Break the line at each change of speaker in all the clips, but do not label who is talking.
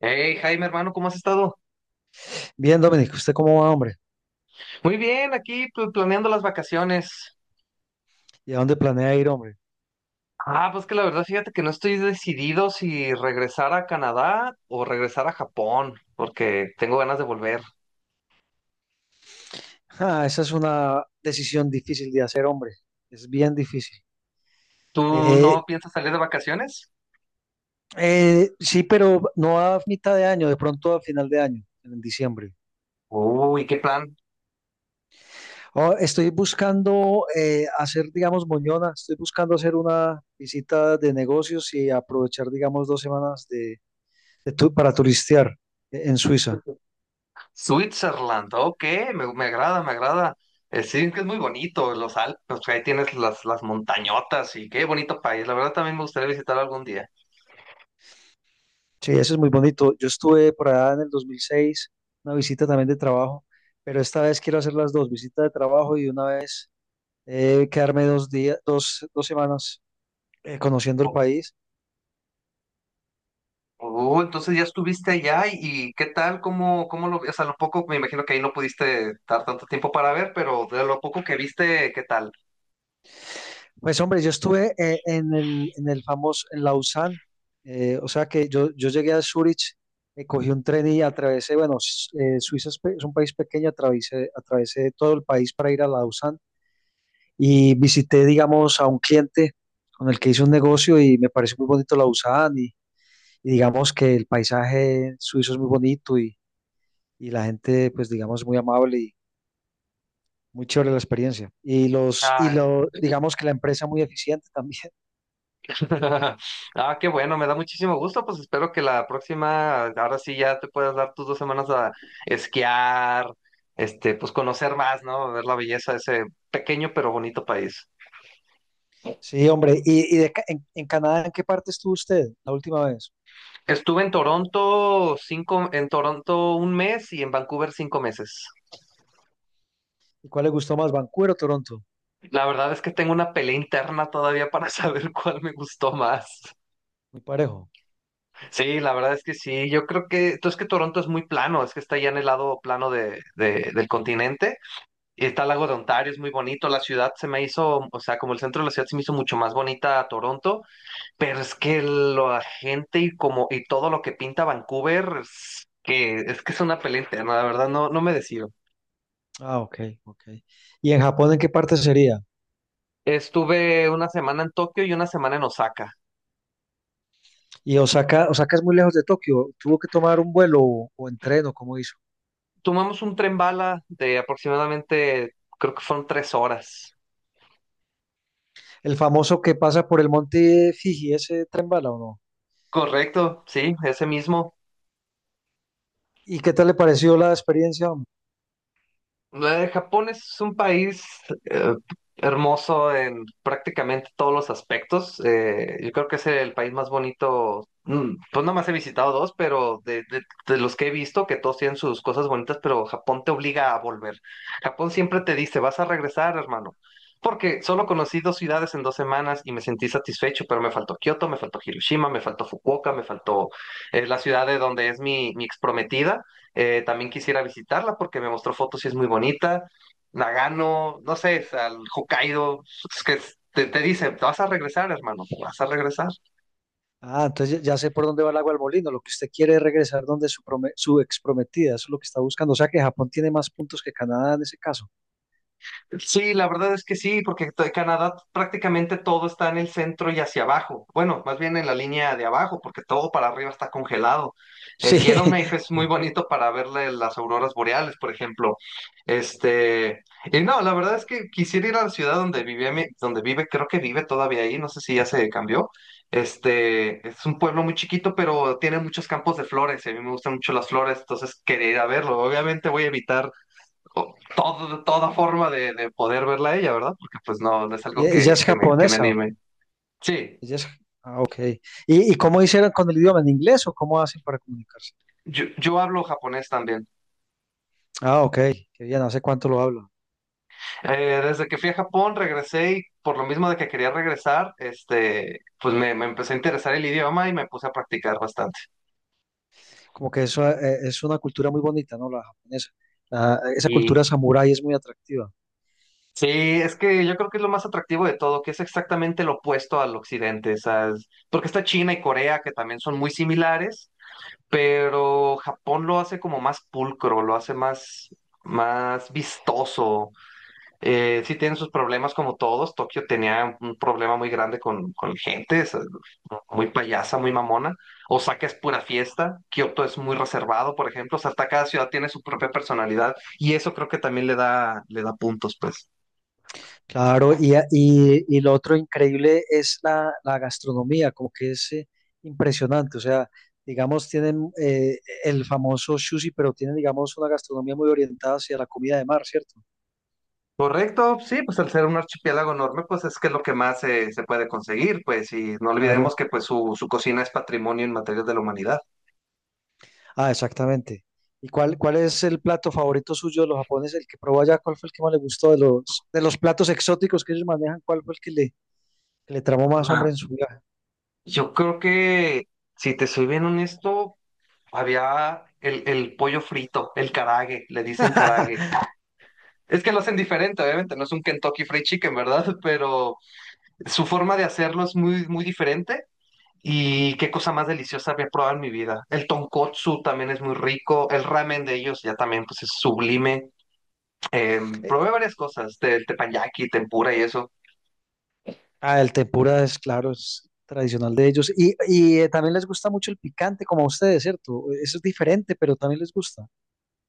Hey, Jaime, hermano, ¿cómo has estado?
Bien, Dominic, ¿usted cómo va, hombre?
Muy bien, aquí planeando las vacaciones.
¿Y a dónde planea ir, hombre?
Ah, pues que la verdad, fíjate que no estoy decidido si regresar a Canadá o regresar a Japón, porque tengo ganas de volver.
Ah, esa es una decisión difícil de hacer, hombre. Es bien difícil.
¿Tú
Eh,
no piensas salir de vacaciones?
sí, pero no a mitad de año, de pronto a final de año, en diciembre.
Uy, qué plan.
Oh, estoy buscando hacer, digamos, moñona. Estoy buscando hacer una visita de negocios y aprovechar, digamos, dos semanas para turistear en Suiza.
Switzerland, ok, me agrada, me agrada. Sí, que es muy bonito, los Alpes, pues, ahí tienes las montañotas y qué bonito país. La verdad, también me gustaría visitar algún día.
Sí, eso es muy bonito. Yo estuve por allá en el 2006, una visita también de trabajo, pero esta vez quiero hacer las dos, visita de trabajo y una vez quedarme dos días, dos semanas conociendo el país.
Oh, entonces ya estuviste allá y ¿qué tal? ¿Cómo lo, o sea, lo poco, me imagino que ahí no pudiste dar tanto tiempo para ver, pero de lo poco que viste, ¿qué tal?
Pues hombre, yo estuve en el famoso, en Lausanne, o sea que yo llegué a Zurich, cogí un tren y atravesé, bueno, Suiza es, es un país pequeño, atravesé todo el país para ir a Lausanne. Y visité, digamos, a un cliente con el que hice un negocio y me pareció muy bonito la Lausanne y digamos que el paisaje suizo es muy bonito y la gente, pues digamos, muy amable y muy chévere la experiencia. Y
Ah,
digamos que la empresa muy eficiente también.
ah, qué bueno, me da muchísimo gusto, pues espero que la próxima, ahora sí ya te puedas dar tus 2 semanas a esquiar, pues conocer más, ¿no? Ver la belleza de ese pequeño pero bonito país.
Sí, hombre. ¿Y en Canadá, ¿en qué parte estuvo usted la última vez?
Estuve en Toronto en Toronto un mes y en Vancouver 5 meses.
¿Y cuál le gustó más, Vancouver o Toronto?
La verdad es que tengo una pelea interna todavía para saber cuál me gustó más.
Muy parejo.
Sí, la verdad es que sí. Yo creo que, entonces que Toronto es muy plano, es que está ya en el lado plano del continente. Y está el lago de Ontario, es muy bonito. La ciudad se me hizo, o sea, como el centro de la ciudad se me hizo mucho más bonita a Toronto, pero es que la gente y como, y todo lo que pinta Vancouver, es que es una pelea interna, la verdad, no, no me decido.
Ah, ok, ok. ¿Y en Japón, en qué parte sería?
Estuve una semana en Tokio y una semana en Osaka.
Y Osaka, Osaka es muy lejos de Tokio. ¿Tuvo que tomar un vuelo o en tren o cómo hizo?
Tomamos un tren bala de aproximadamente, creo que fueron 3 horas.
El famoso que pasa por el monte Fiji, ese tren bala o no.
Correcto, sí, ese mismo.
¿Y qué tal le pareció la experiencia, hombre?
Japón es un país eh, hermoso en prácticamente todos los aspectos. Yo creo que es el país más bonito. Pues nada más he visitado dos, pero de los que he visto, que todos tienen sus cosas bonitas, pero Japón te obliga a volver. Japón siempre te dice, vas a regresar, hermano. Porque solo conocí dos ciudades en 2 semanas y me sentí satisfecho, pero me faltó Kioto, me faltó Hiroshima, me faltó Fukuoka, me faltó la ciudad de donde es mi ex también quisiera visitarla porque me mostró fotos y es muy bonita. Nagano, no sé, al Hokkaido, es que te dice, te vas a regresar, hermano, vas a regresar.
Ah, entonces ya sé por dónde va el agua al molino. Lo que usted quiere es regresar donde su, su ex prometida, eso es lo que está buscando. O sea que Japón tiene más puntos que Canadá en ese caso.
Sí, la verdad es que sí, porque Canadá prácticamente todo está en el centro y hacia abajo. Bueno, más bien en la línea de abajo, porque todo para arriba está congelado.
Sí.
El Yellowknife es muy bonito para verle las auroras boreales, por ejemplo. Este, y no, la verdad es que quisiera ir a la ciudad donde vivía, donde vive, creo que vive todavía ahí, no sé si ya se cambió. Es un pueblo muy chiquito, pero tiene muchos campos de flores, y a mí me gustan mucho las flores, entonces quería ir a verlo. Obviamente voy a evitar toda forma de poder verla a ella, ¿verdad? Porque pues no, no es algo
¿Ella
que,
es
que me, que me
japonesa? Ok.
anime. Sí,
Ella es... Ah, ok. Y cómo hicieron con el idioma? ¿En inglés o cómo hacen para comunicarse?
yo hablo japonés también.
Ah, ok, qué bien, ¿hace cuánto lo hablan?
Desde que fui a Japón regresé y por lo mismo de que quería regresar, pues me empecé a interesar el idioma y me puse a practicar bastante.
Como que eso es una cultura muy bonita, ¿no? La japonesa. Esa
Y
cultura samurái es muy atractiva.
sí, es que yo creo que es lo más atractivo de todo, que es exactamente lo opuesto al occidente, ¿sabes? Porque está China y Corea, que también son muy similares, pero Japón lo hace como más pulcro, lo hace más vistoso. Sí tienen sus problemas como todos. Tokio tenía un problema muy grande con gente, muy payasa, muy mamona. Osaka es pura fiesta, Kioto es muy reservado, por ejemplo. O sea, hasta cada ciudad tiene su propia personalidad y eso creo que también le da puntos, pues.
Claro, y, y lo otro increíble es la gastronomía, como que es impresionante. O sea, digamos, tienen el famoso sushi, pero tienen, digamos, una gastronomía muy orientada hacia la comida de mar, ¿cierto?
Correcto, sí, pues al ser un archipiélago enorme, pues es que es lo que más se puede conseguir, pues, y no olvidemos
Claro.
que pues su cocina es patrimonio en materia de la humanidad.
Ah, exactamente. ¿Y cuál es el plato favorito suyo de los japoneses? El que probó allá, ¿cuál fue el que más le gustó de de los platos exóticos que ellos manejan? ¿Cuál fue el que le, ¿Que le tramó más,
Ajá.
hombre, en su vida?
Yo creo que, si te soy bien honesto, había el pollo frito, el carague, le dicen carague. Es que lo hacen diferente, obviamente, no es un Kentucky Fried Chicken, ¿verdad? Pero su forma de hacerlo es muy, muy diferente. Y qué cosa más deliciosa había probado en mi vida. El tonkotsu también es muy rico. El ramen de ellos ya también, pues, es sublime. Eh, probé varias cosas, del teppanyaki, tempura y eso.
Ah, el tempura es, claro, es tradicional de ellos. Y, también les gusta mucho el picante, como a ustedes, ¿cierto? Eso es diferente, pero también les gusta.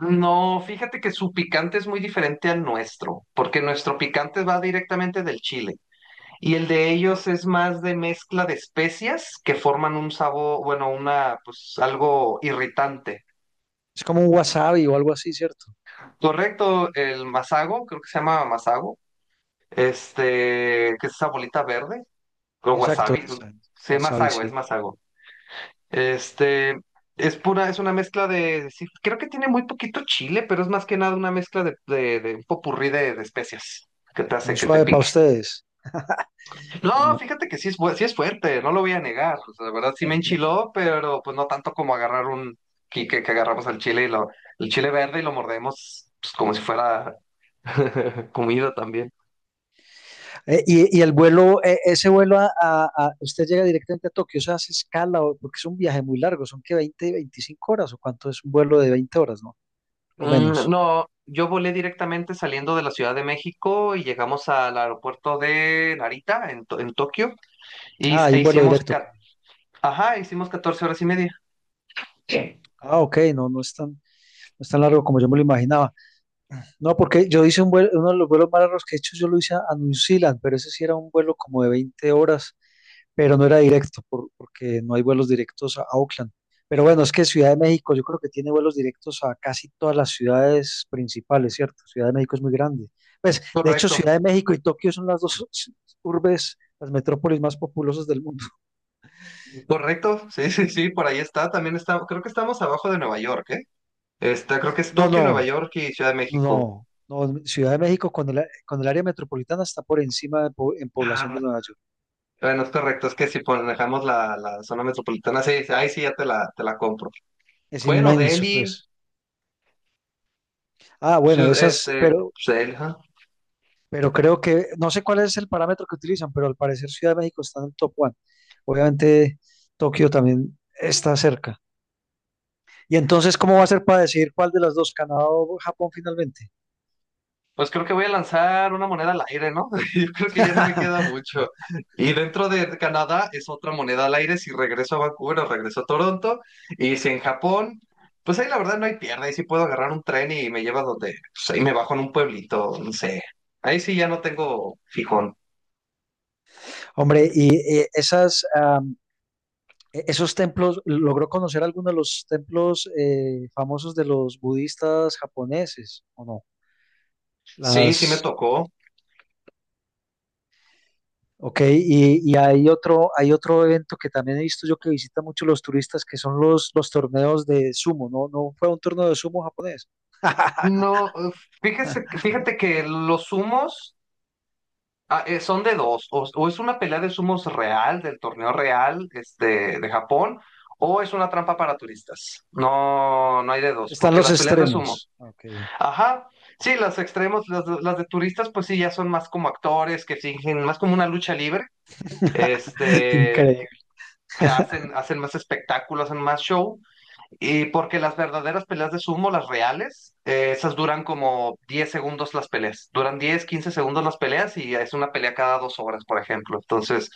No, fíjate que su picante es muy diferente al nuestro, porque nuestro picante va directamente del chile y el de ellos es más de mezcla de especias que forman un sabor, bueno, pues algo irritante.
¿Es como un wasabi o algo así, ¿cierto?
Correcto, el masago, creo que se llama masago, que es esa bolita verde, o
Exacto,
wasabi,
esa es,
sí,
wasabi,
masago, es
sí.
masago. Este, es pura, es una mezcla de, sí, creo que tiene muy poquito chile, pero es más que nada una mezcla de un popurrí de especias que te hace
Muy
que te
suave para
pique.
ustedes.
No, fíjate que sí sí es fuerte, no lo voy a negar. O sea, la verdad sí me enchiló, pero pues no tanto como agarrar que agarramos al chile el chile verde y lo mordemos, pues, como si fuera comida también.
Y, y el vuelo, ese vuelo, usted llega directamente a Tokio, o sea, ¿hace escala? O- porque es un viaje muy largo, son que 20, 25 horas, ¿o cuánto es un vuelo de 20 horas, ¿no? O
Mm,
menos.
no, yo volé directamente saliendo de la Ciudad de México y llegamos al aeropuerto de Narita en Tokio. Y
Ah,
s-
hay
e
un vuelo
hicimos,
directo. Qué
ca-
bien.
ajá, hicimos 14 horas y media. Sí.
Ah, ok, no, no es tan, no es tan largo como yo me lo imaginaba. No, porque yo hice un vuelo, uno de los vuelos más largos que he hecho, yo lo hice a New Zealand, pero ese sí era un vuelo como de 20 horas, pero no era directo, porque no hay vuelos directos a Auckland. Pero bueno, es que Ciudad de México yo creo que tiene vuelos directos a casi todas las ciudades principales, ¿cierto? Ciudad de México es muy grande. Pues, de hecho, Ciudad
Correcto,
de México y Tokio son las dos urbes, las metrópolis más populosas del mundo.
correcto. Sí, sí, sí, por ahí está. También está, creo que estamos abajo de Nueva York, ¿eh? Está, creo que es
No,
Tokio, Nueva
no,
York y Ciudad de México.
no, no. Ciudad de México con con el área metropolitana está por encima de en población de
Ah,
Nueva York.
bueno, es correcto, es que si manejamos la zona metropolitana, sí, sí, ahí sí ya te la compro.
Es
Bueno,
inmenso,
Delhi,
pues. Ah, bueno,
ciu-
esas,
este, pues, Delhi, ajá.
pero creo que, no sé cuál es el parámetro que utilizan, pero al parecer Ciudad de México está en el top one. Obviamente Tokio también está cerca. Y entonces, ¿cómo va a ser para decidir cuál de las dos, Canadá o Japón finalmente?
Pues creo que voy a lanzar una moneda al aire, ¿no? Yo creo que ya no me queda mucho. Y dentro de Canadá es otra moneda al aire si regreso a Vancouver o regreso a Toronto. Y si en Japón, pues ahí la verdad no hay pierde. Ahí sí puedo agarrar un tren y me lleva donde, pues ahí me bajo en un pueblito, no sé. Ahí sí ya no tengo fijón.
Hombre, y esos templos, ¿logró conocer alguno de los templos famosos de los budistas japoneses o no?
Sí, sí me
Las...
tocó.
Ok, y hay otro evento que también he visto yo que visitan mucho los turistas, que son los torneos de sumo, ¿no? ¿No fue un torneo de sumo japonés?
No, fíjate que los humos. Son de dos, o es una pelea de sumos real, del torneo real, de Japón, o es una trampa para turistas. No, no hay de dos,
Están
porque
los
las peleas de sumo.
extremos. Ok.
Ajá, sí, las extremos, las de turistas, pues sí, ya son más como actores que fingen, más como una lucha libre, este,
Increíble.
que hacen más espectáculo, hacen más show, y porque las verdaderas peleas de sumo, las reales, esas duran como 10 segundos las peleas. Duran 10-15 segundos las peleas y es una pelea cada 2 horas, por ejemplo. Entonces,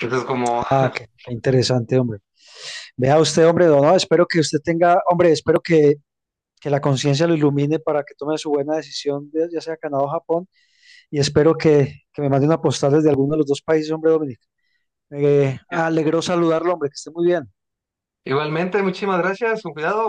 entonces como...
Ah, qué, qué interesante, hombre. Vea usted, hombre, don, no, espero que usted tenga, hombre, espero que la conciencia lo ilumine para que tome su buena decisión, ya sea Canadá o Japón, y espero que me mande una postal desde alguno de los dos países, hombre, Dominic. Me
Ya.
alegró saludarlo, hombre, que esté muy bien.
Igualmente, muchísimas gracias, con cuidado.